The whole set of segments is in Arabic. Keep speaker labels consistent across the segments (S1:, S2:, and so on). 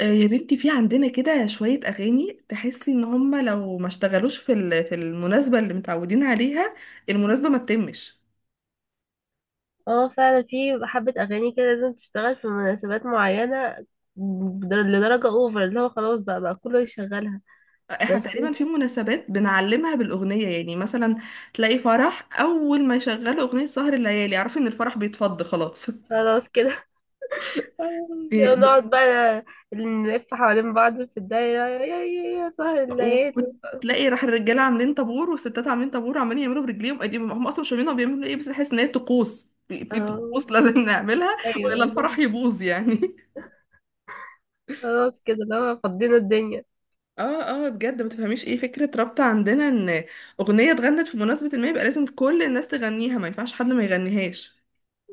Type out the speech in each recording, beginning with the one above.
S1: آه، يا بنتي في عندنا كده شوية أغاني تحسي إن هما لو ما اشتغلوش في في المناسبة اللي متعودين عليها. المناسبة ما تتمش.
S2: اه، فعلا في حبة أغاني كده لازم تشتغل في مناسبات معينة. لدرجة اوفر اللي هو خلاص بقى كله يشغلها.
S1: احنا
S2: بس
S1: تقريبا في مناسبات بنعلمها بالأغنية، يعني مثلا تلاقي فرح أول ما يشغلوا أغنية سهر الليالي اعرفي إن الفرح بيتفض خلاص.
S2: خلاص كده.
S1: إيه،
S2: نقعد بقى نلف حوالين بعض في الدايرة، يا يا يا يا سهر الليالي.
S1: وتلاقي راح الرجالة عاملين طابور والستات عاملين طابور وعمالين يعملوا برجليهم ايديهم، هم أصلا مش فاهمين هما بيعملوا إيه، بس تحس إن هي طقوس، في
S2: اه،
S1: طقوس لازم نعملها
S2: ايوه،
S1: وإلا الفرح يبوظ يعني.
S2: خلاص كده اللي هو فضينا الدنيا.
S1: اه، اه، بجد ما تفهميش ايه فكرة رابطة عندنا ان اغنية اتغنت في مناسبة ما يبقى لازم كل الناس تغنيها، ما ينفعش حد ما يغنيهاش.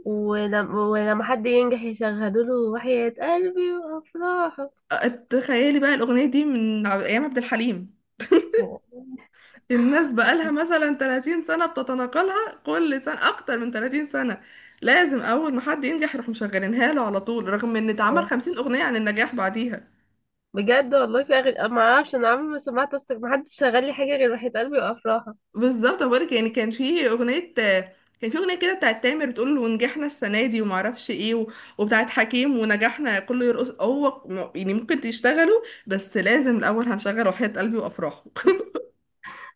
S2: ولما حد ينجح يشغلوا له وحياة قلبي وأفراحه.
S1: آه، تخيلي بقى الاغنية دي من ايام عبد الحليم، الناس بقالها مثلا 30 سنة بتتناقلها كل سنة، اكتر من 30 سنة لازم اول ما حد ينجح يروح مشغلينها له على طول، رغم ان اتعمل 50 اغنية عن النجاح بعديها.
S2: بجد والله في أغاني أنا ما اعرفش، انا عمري ما سمعت اصلا، ما حدش شغال لي حاجه غير وحيد قلبي وافراح.
S1: بالظبط، بقولك يعني كان في اغنيه كده بتاعت تامر بتقول ونجحنا السنه دي وما اعرفش ايه و. وبتاعت حكيم ونجحنا كله يرقص، هو يعني ممكن تشتغلوا بس لازم الاول هنشغل وحياة قلبي وافراحه.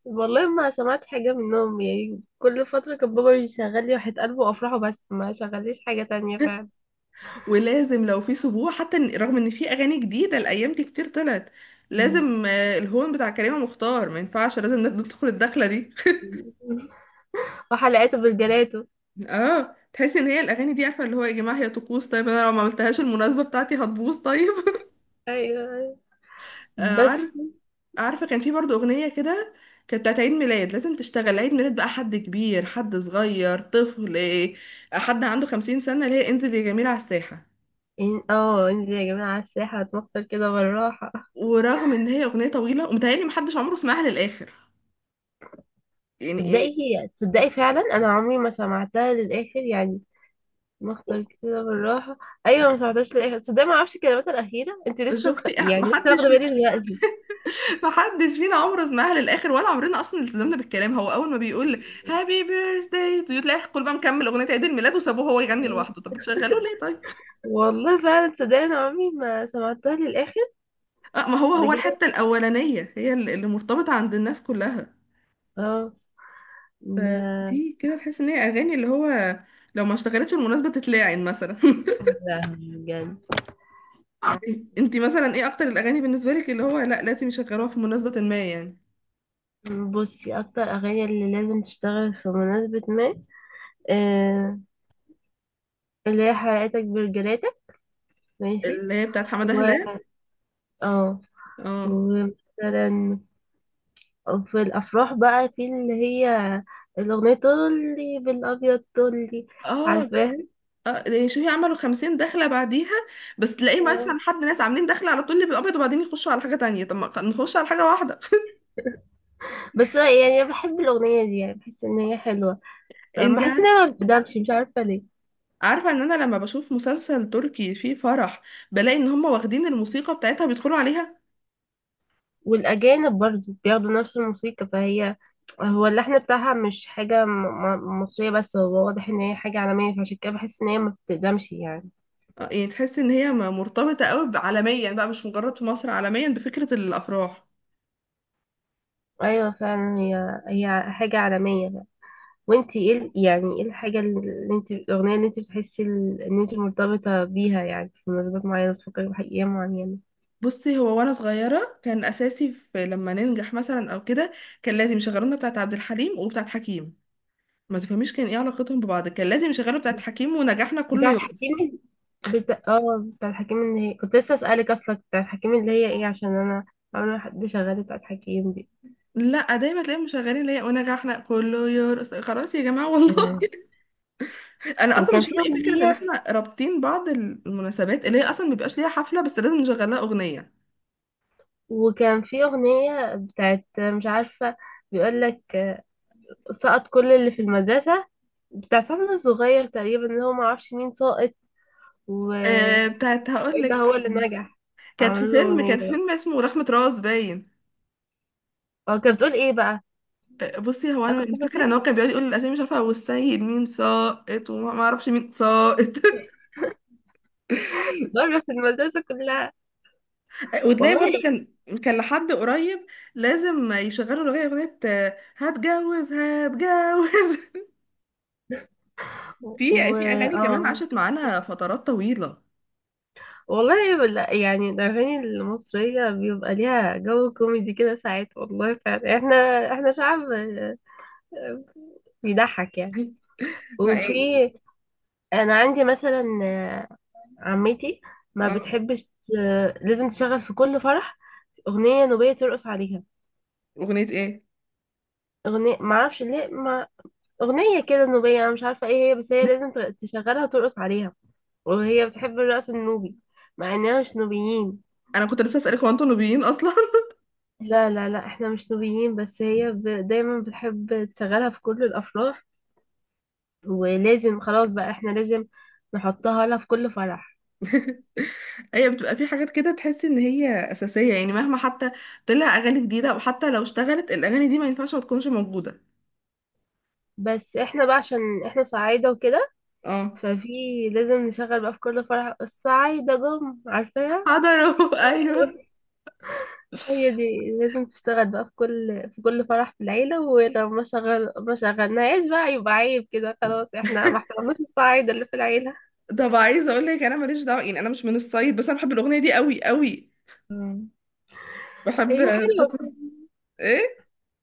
S2: والله ما سمعت حاجه منهم يعني، كل فتره كان بابا يشغل لي وحيد قلبي وافراح بس ما شغليش حاجه تانية فعلا.
S1: ولازم لو في سبوع حتى رغم ان في اغاني جديده الايام دي كتير طلعت، لازم الهون بتاع كريمه مختار ما ينفعش، لازم ندخل الدخله دي.
S2: وحلقاته بالجلاته.
S1: اه، تحسي ان هي الاغاني دي، عارفه اللي هو يا جماعه هي طقوس، طيب انا لو ما عملتهاش المناسبه بتاعتي هتبوظ طيب.
S2: ايوه، أيوة. بس
S1: عارفه. عارفة كان في برضو أغنية كده كانت بتاعت عيد ميلاد لازم تشتغل عيد ميلاد بقى، حد كبير حد صغير طفل إيه، حد عنده 50 سنة، اللي هي انزل يا جميل على الساحة.
S2: انزل يا جماعه على الساحه هتمطر كده بالراحه.
S1: ورغم إن هي أغنية طويلة ومتهيألي محدش عمره سمعها للآخر، يعني.
S2: تصدقي فعلا، انا عمري ما سمعتها للاخر يعني. مختار كده بالراحه. ايوه ما سمعتهاش للاخر، تصدقي ما اعرفش الكلمات الاخيره. انت لسه
S1: شفتي إيه؟
S2: يعني لسه
S1: محدش
S2: واخده
S1: فينا.
S2: بالي دلوقتي.
S1: محدش فينا عمره سمعها للآخر ولا عمرنا أصلا التزمنا بالكلام، هو أول ما بيقول هابي بيرثداي تو يو تلاقي الكل بقى مكمل أغنية عيد الميلاد وسابوه هو يغني لوحده، طب بتشغلوه ليه طيب؟
S2: والله فعلا تصدقني، انا عمري ما سمعتها للاخر.
S1: آه، ما هو هو
S2: بجد.
S1: الحتة الأولانية هي اللي مرتبطة عند الناس كلها.
S2: اه.
S1: ف-
S2: ده.
S1: في كده تحس ان هي اغاني اللي هو لو ما اشتغلتش المناسبة تتلاعن مثلا.
S2: لا بجد.
S1: انتي مثلا ايه اكتر الاغاني بالنسبة لك، اللي هو لا لازم يشغلوها في مناسبة ما يعني؟
S2: بصي اكتر اغاني اللي لازم تشتغل في مناسبة ما، آه، اللي هي حلقتك برجلاتك. ماشي.
S1: اللي هي بتاعت حمادة
S2: و
S1: هلال.
S2: اه،
S1: اه،
S2: ومثلا في الافراح بقى في اللي هي الاغنية طولي بالابيض طولي،
S1: اه،
S2: عارفاها؟
S1: اه، ده شوفي عملوا 50 دخلة بعديها، بس تلاقي
S2: اه،
S1: مثلا حد، ناس عاملين دخلة على طول الابيض وبعدين يخشوا على حاجة تانية، طب ما نخش على حاجة واحدة.
S2: بس يعني انا بحب الاغنية دي، يعني بحس ان هي حلوة، فما
S1: انتي
S2: حاسة ان هي ما
S1: عارفة.
S2: بتدمش، مش عارفة ليه.
S1: عارفة ان انا لما بشوف مسلسل تركي فيه فرح بلاقي ان هم واخدين الموسيقى بتاعتها بيدخلوا عليها.
S2: والأجانب برضو بياخدوا نفس الموسيقى، فهي هو اللحن بتاعها مش حاجة مصرية، بس هو واضح إن هي حاجة عالمية، فعشان كده بحس إن هي ما بتقدمش يعني.
S1: آه، يعني تحس ان هي مرتبطه قوي عالميا بقى، مش مجرد في مصر، عالميا بفكره الافراح.
S2: أيوة، فعلا هي هي حاجة عالمية بقى. وانتي ايه يعني ايه الحاجة اللي انت الأغنية اللي انت بتحسي إن انت مرتبطة بيها يعني، في مناسبات معينة بتفكري بأيام معينة؟
S1: بصي، هو وانا صغيره كان اساسي في لما ننجح مثلا او كده كان لازم يشغلونا بتاعه عبد الحليم وبتاعه حكيم، ما تفهميش كان ايه علاقتهم ببعض، كان لازم يشغلوا بتاعه حكيم ونجاحنا كله
S2: بتاعت
S1: يرقص.
S2: حكيم. بتاعت حكيم اللي هي كنت لسه أسألك، أصلا بتاعت حكيم اللي هي ايه، عشان أنا أول ما حد شغال بتاعت حكيم
S1: لا، دايما تلاقيهم مشغلين اللي هي ونجاحنا كله يرقص، خلاص يا جماعه
S2: دي.
S1: والله. انا اصلا
S2: وكان
S1: مش
S2: في
S1: فاهمه ايه فكره ان
S2: أغنية،
S1: احنا رابطين بعض المناسبات اللي هي اصلا مبيبقاش ليها حفله بس لازم نشغل لها اغنيه.
S2: وكان في أغنية بتاعت مش عارفة، بيقول لك سقط كل اللي في المدرسة، بتاع صاحبنا الصغير تقريبا، اللي هو معرفش مين ساقط
S1: آه،
S2: وإلا
S1: بتاعت هقول لك،
S2: هو اللي نجح،
S1: كانت في
S2: فعملوا له
S1: فيلم،
S2: أغنية
S1: كان فيلم
S2: بقى.
S1: اسمه رخمة راس باين.
S2: هو كانت بتقول إيه بقى؟
S1: آه، بصي، هو
S2: أنا كنت
S1: انا فاكره ان هو
S2: فاكراها،
S1: كان بيقعد يقول الاسامي مش عارفه والسيد مين ساقط وما ما اعرفش مين ساقط.
S2: برس المدرسة كلها.
S1: وتلاقي برضو
S2: والله.
S1: كان لحد قريب لازم يشغلوا الاغنيه اغنيه هتجوز هتجوز. في
S2: و...
S1: في اغاني كمان
S2: آه.
S1: عاشت معانا فترات طويله.
S2: والله يعني الأغاني المصرية بيبقى ليها جو كوميدي كده ساعات، والله فعلا احنا، احنا شعب بيضحك يعني.
S1: ما ايه.
S2: وفي، انا عندي مثلا، آه، عمتي ما
S1: اه،
S2: بتحبش، آه، لازم تشغل في كل فرح اغنيه نوبيه ترقص عليها.
S1: اغنيه ايه؟
S2: اغنيه ما اعرفش ليه ما، اغنيه كده نوبيه، انا مش عارفه ايه هي، بس هي لازم تشغلها وترقص عليها. وهي بتحب الرقص النوبي مع اننا مش نوبيين.
S1: انا كنت لسه اسالك هو انتوا نوبيين اصلا؟
S2: لا لا لا، احنا مش نوبيين، بس هي دايما بتحب تشغلها في كل الافراح، ولازم خلاص بقى احنا لازم نحطها لها في كل فرح.
S1: ايوه، بتبقى في حاجات كده تحس ان هي اساسيه، يعني مهما حتى طلع اغاني جديده او حتى لو اشتغلت الاغاني دي ما ينفعش ما تكونش موجوده.
S2: بس احنا بقى عشان احنا صعايدة وكده،
S1: اه،
S2: ففي، لازم نشغل بقى في كل فرح الصعايدة جم، عارفاها؟
S1: حضروا. ايوه.
S2: هي دي لازم تشتغل بقى في كل فرح في العيلة، ولو ما شغل ما شغلناهاش بقى يبقى عيب كده، خلاص احنا ما احترمناش الصعايدة اللي في العيلة.
S1: طب عايزه اقول لك انا ماليش دعوه يعني، انا مش من الصعيد بس انا بحب الاغنيه دي قوي قوي.
S2: مم.
S1: بحب.
S2: هي
S1: بتاعت-
S2: حلوة.
S1: ايه،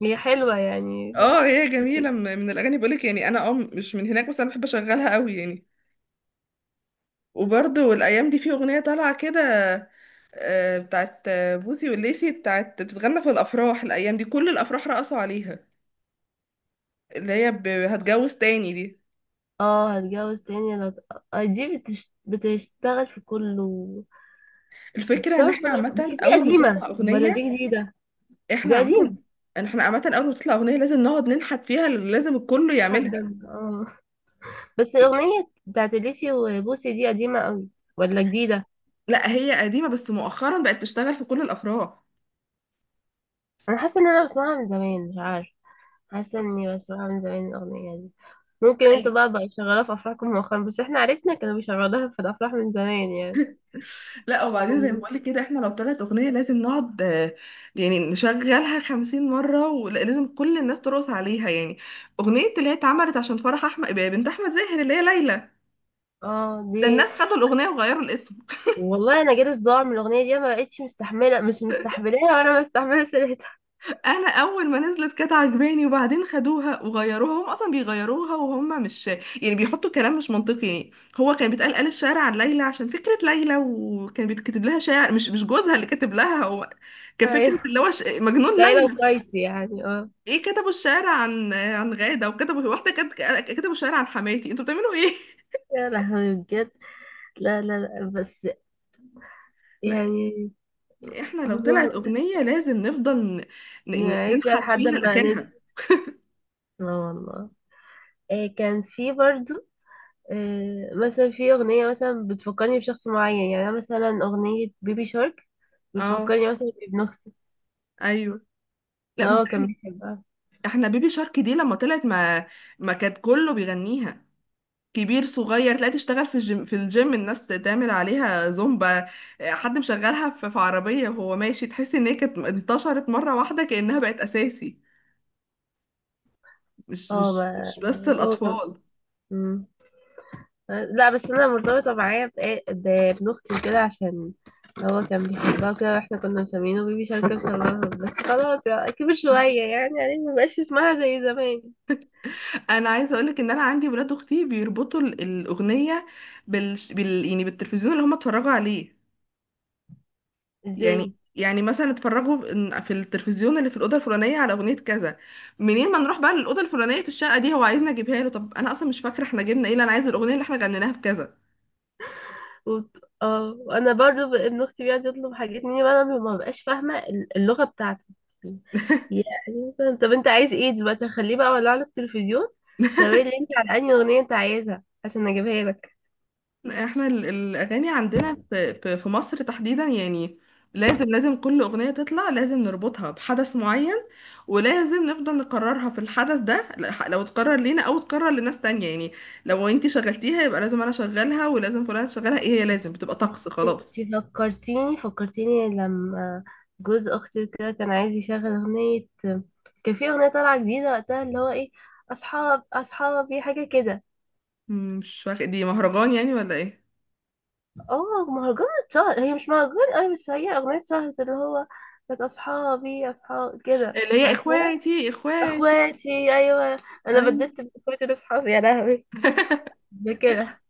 S2: هي حلوة يعني.
S1: اه هي جميله، من الاغاني بقول لك يعني، انا مش من هناك بس انا بحب اشغلها قوي يعني. وبرضه الايام دي في اغنيه طالعه كده، بتاعت بوسي والليسي بتاعت بتتغنى في الافراح الايام دي، كل الافراح رقصوا عليها، اللي هي هتجوز تاني دي.
S2: اه هتجوز تاني لو، آه، دي بتشتغل في كله.
S1: الفكره ان
S2: بتشتغل في كل، بس دي قديمة ولا دي جديدة؟
S1: احنا
S2: دي قديمة.
S1: عامه احنا عامه اول ما تطلع اغنيه لازم نقعد ننحت فيها، لازم الكل
S2: لحد
S1: يعملها.
S2: ما- اه بس الاغنيه بتاعت اليسي وبوسي دي قديمه قوي ولا جديده؟
S1: لا، هي قديمه بس مؤخرا بقت تشتغل في كل الافراح.
S2: انا حاسه ان انا بسمعها من زمان، مش عارفه. حاسه اني بسمعها من زمان الاغنيه دي. ممكن انتوا بقى شغاله في افراحكم مؤخرا، بس احنا عرفنا كانوا بيشغلوها في الافراح من زمان يعني.
S1: لا، وبعدين زي ما بقولك كده احنا لو طلعت اغنية لازم نقعد، يعني نشغلها 50 مرة ولازم كل الناس ترقص عليها يعني. اغنية اللي هي اتعملت عشان فرح احمد بنت احمد زاهر اللي هي ليلى،
S2: اه
S1: ده
S2: دي.
S1: الناس خدوا الاغنية وغيروا الاسم.
S2: والله انا جالي صداع من الاغنيه دي، ما بقتش مستحمله، مش مستحملاها ولا مستحمله سيرتها.
S1: انا اول ما نزلت كانت عجباني وبعدين خدوها وغيروها، هم اصلا بيغيروها وهم مش، يعني بيحطوا كلام مش منطقي يعني. هو كان بيتقال، قال الشعر عن ليلى عشان فكرة ليلى، وكان بيتكتب لها شعر، مش جوزها اللي كتب لها هو، كفكرة
S2: ايوه،
S1: اللي هو مجنون
S2: ليلى
S1: ليلى.
S2: وقيسي يعني، اه.
S1: ايه، كتبوا الشعر عن غادة وكتبوا واحدة كانت. كتبوا الشعر عن حماتي، انتوا بتعملوا ايه؟
S2: يا لهوي، بجد. لا لا لا، بس
S1: لا،
S2: يعني.
S1: احنا لو
S2: هم.
S1: طلعت اغنية لازم نفضل يعني
S2: نعيش فيها
S1: ننحت
S2: لحد
S1: فيها
S2: ما ننسى.
S1: لاخرها.
S2: اه والله. آه، كان في برضو، آه، مثلا في أغنية مثلا بتفكرني بشخص معين، يعني أنا مثلا أغنية بيبي شارك
S1: اه،
S2: بتفكرني مثلا بابن أختي،
S1: ايوه. لا،
S2: إن
S1: بس
S2: هو كان
S1: احنا
S2: بيحبها.
S1: احنا بيبي شارك دي لما طلعت، ما كان كله بيغنيها، كبير صغير، تلاقي تشتغل في الجيم الناس تعمل عليها زومبا، حد مشغلها في عربية وهو ماشي، تحس ان هي كانت انتشرت مرة واحدة كأنها بقت اساسي، مش
S2: اه
S1: مش
S2: ما
S1: مش بس
S2: هو كان.
S1: الاطفال.
S2: مم. لا بس أنا مرتبطة معايا بابن أختي وكده، عشان هو كان بيحبها وكده، واحنا كنا مسمينه بيبي شارك بسببها، بس خلاص يعني كبر شوية يعني، يعني مبقاش اسمها زي زمان.
S1: انا عايزه اقولك ان انا عندي ولاد اختي بيربطوا الاغنيه يعني بالتلفزيون اللي هم اتفرجوا عليه، يعني
S2: ازاي؟
S1: يعني مثلا اتفرجوا في التلفزيون اللي في الاوضه الفلانيه على اغنيه كذا، منين ما نروح بقى للاوضه الفلانيه في الشقه دي، هو عايزنا اجيبها له، طب انا اصلا مش فاكره احنا جبنا ايه، لا، انا عايزه الاغنيه اللي احنا غنيناها في كذا.
S2: وانا برضو ابن اختي بيقعد يطلب حاجات مني، وانا ما ببقاش فاهمه اللغه بتاعته. يعني مثلا، طب انت عايز ايه دلوقتي خليه بقى ولا على التلفزيون، شاور لي انت على انهي اغنيه انت عايزها عشان اجيبها لك.
S1: احنا الاغاني عندنا في مصر تحديدا يعني، لازم كل اغنيه تطلع لازم نربطها بحدث معين، ولازم نفضل نكررها في الحدث ده لو تكرر لينا او تكرر لناس تانية يعني. لو انتي شغلتيها يبقى لازم انا اشغلها ولازم فلان تشغلها، ايه هي لازم بتبقى طقس خلاص.
S2: انت فكرتيني لما جوز اختي كده كان عايز يشغل اغنيه، كان في اغنيه طالعه جديده وقتها اللي هو ايه، اصحابي حاجه كده.
S1: مش فاكر دي مهرجان يعني ولا ايه؟
S2: اه، مهرجان اتشهر، هي مش مهرجان أوي بس هي اغنية اتشهرت اللي هو كانت اصحابي اصحاب كده،
S1: اللي هي
S2: عارفاها؟
S1: اخواتي اخواتي.
S2: اخواتي. ايوه انا بديت باخواتي لاصحابي، يا لهوي. ده كده.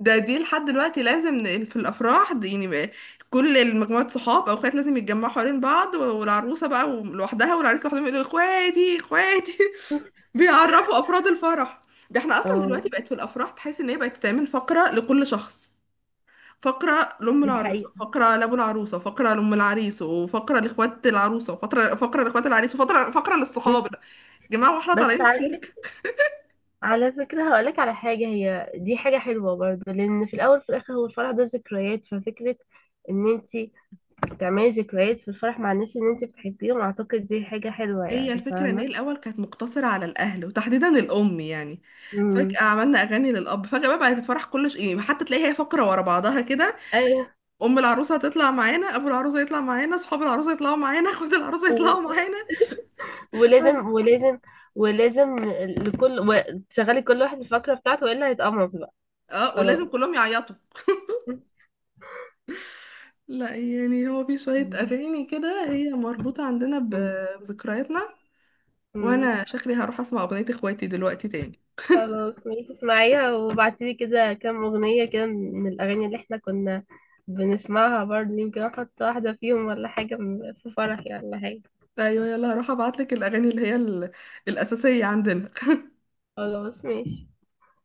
S1: دي لحد دلوقتي لازم في الافراح دي يعني بقى، كل المجموعات صحاب او اخوات لازم يتجمعوا حوالين بعض والعروسه بقى لوحدها والعريس لوحدهم يقولوا اخواتي اخواتي. بيعرفوا افراد الفرح، ده احنا اصلا
S2: اه
S1: دلوقتي بقت في الافراح تحس ان هي بقت تعمل فقره لكل شخص، فقره لام
S2: دي
S1: العروسه،
S2: حقيقة.
S1: فقره لابو العروسه، فقره لام العريس، وفقره لاخوات العروسه، وفقره لاخوات العريس، وفقره للصحاب، يا جماعه واحنا
S2: بس
S1: طالعين
S2: على
S1: السيرك.
S2: فكرة، على فكرة هقولك على حاجة، هي دي حاجة حلوة برضه، لأن في الأول وفي الآخر هو الفرح ده ذكريات، ففكرة إن أنتي تعملي ذكريات في الفرح مع الناس اللي أنتي بتحبيهم أعتقد دي حاجة حلوة
S1: هي
S2: يعني،
S1: الفكرة ان هي
S2: فاهمة؟
S1: الاول كانت مقتصرة على الاهل وتحديدا الام يعني،
S2: امم.
S1: فجأة عملنا اغاني للاب، فجأة بقى بقت الفرح كله يعني حتى تلاقيها هي فقرة ورا بعضها كده،
S2: أيوه.
S1: ام العروسة هتطلع معانا، ابو العروسة يطلع معانا، اصحاب العروسة يطلعوا معانا، اخوات العروسة يطلعوا معانا،
S2: ولازم ولازم ولازم لكل، تشغلي كل واحد الفقرة بتاعته والا هيتقمص بقى.
S1: اه
S2: خلاص.
S1: ولازم كلهم يعيطوا. لا يعني هو في شوية
S2: مم.
S1: اغاني كده هي مربوطة عندنا
S2: م-
S1: بذكرياتنا،
S2: م-
S1: وانا شكلي هروح اسمع اغنية اخواتي دلوقتي تاني.
S2: خلاص، ماشي اسمعيها وابعتيلي كده كام أغنية كده من الأغاني اللي احنا كنا بنسمعها برضه، يمكن احط واحدة فيهم ولا حاجة في فرحي ولا حاجة.
S1: ايوه يلا، هروح ابعتلك الاغاني اللي هي الاساسية عندنا.
S2: خلاص، ماشي.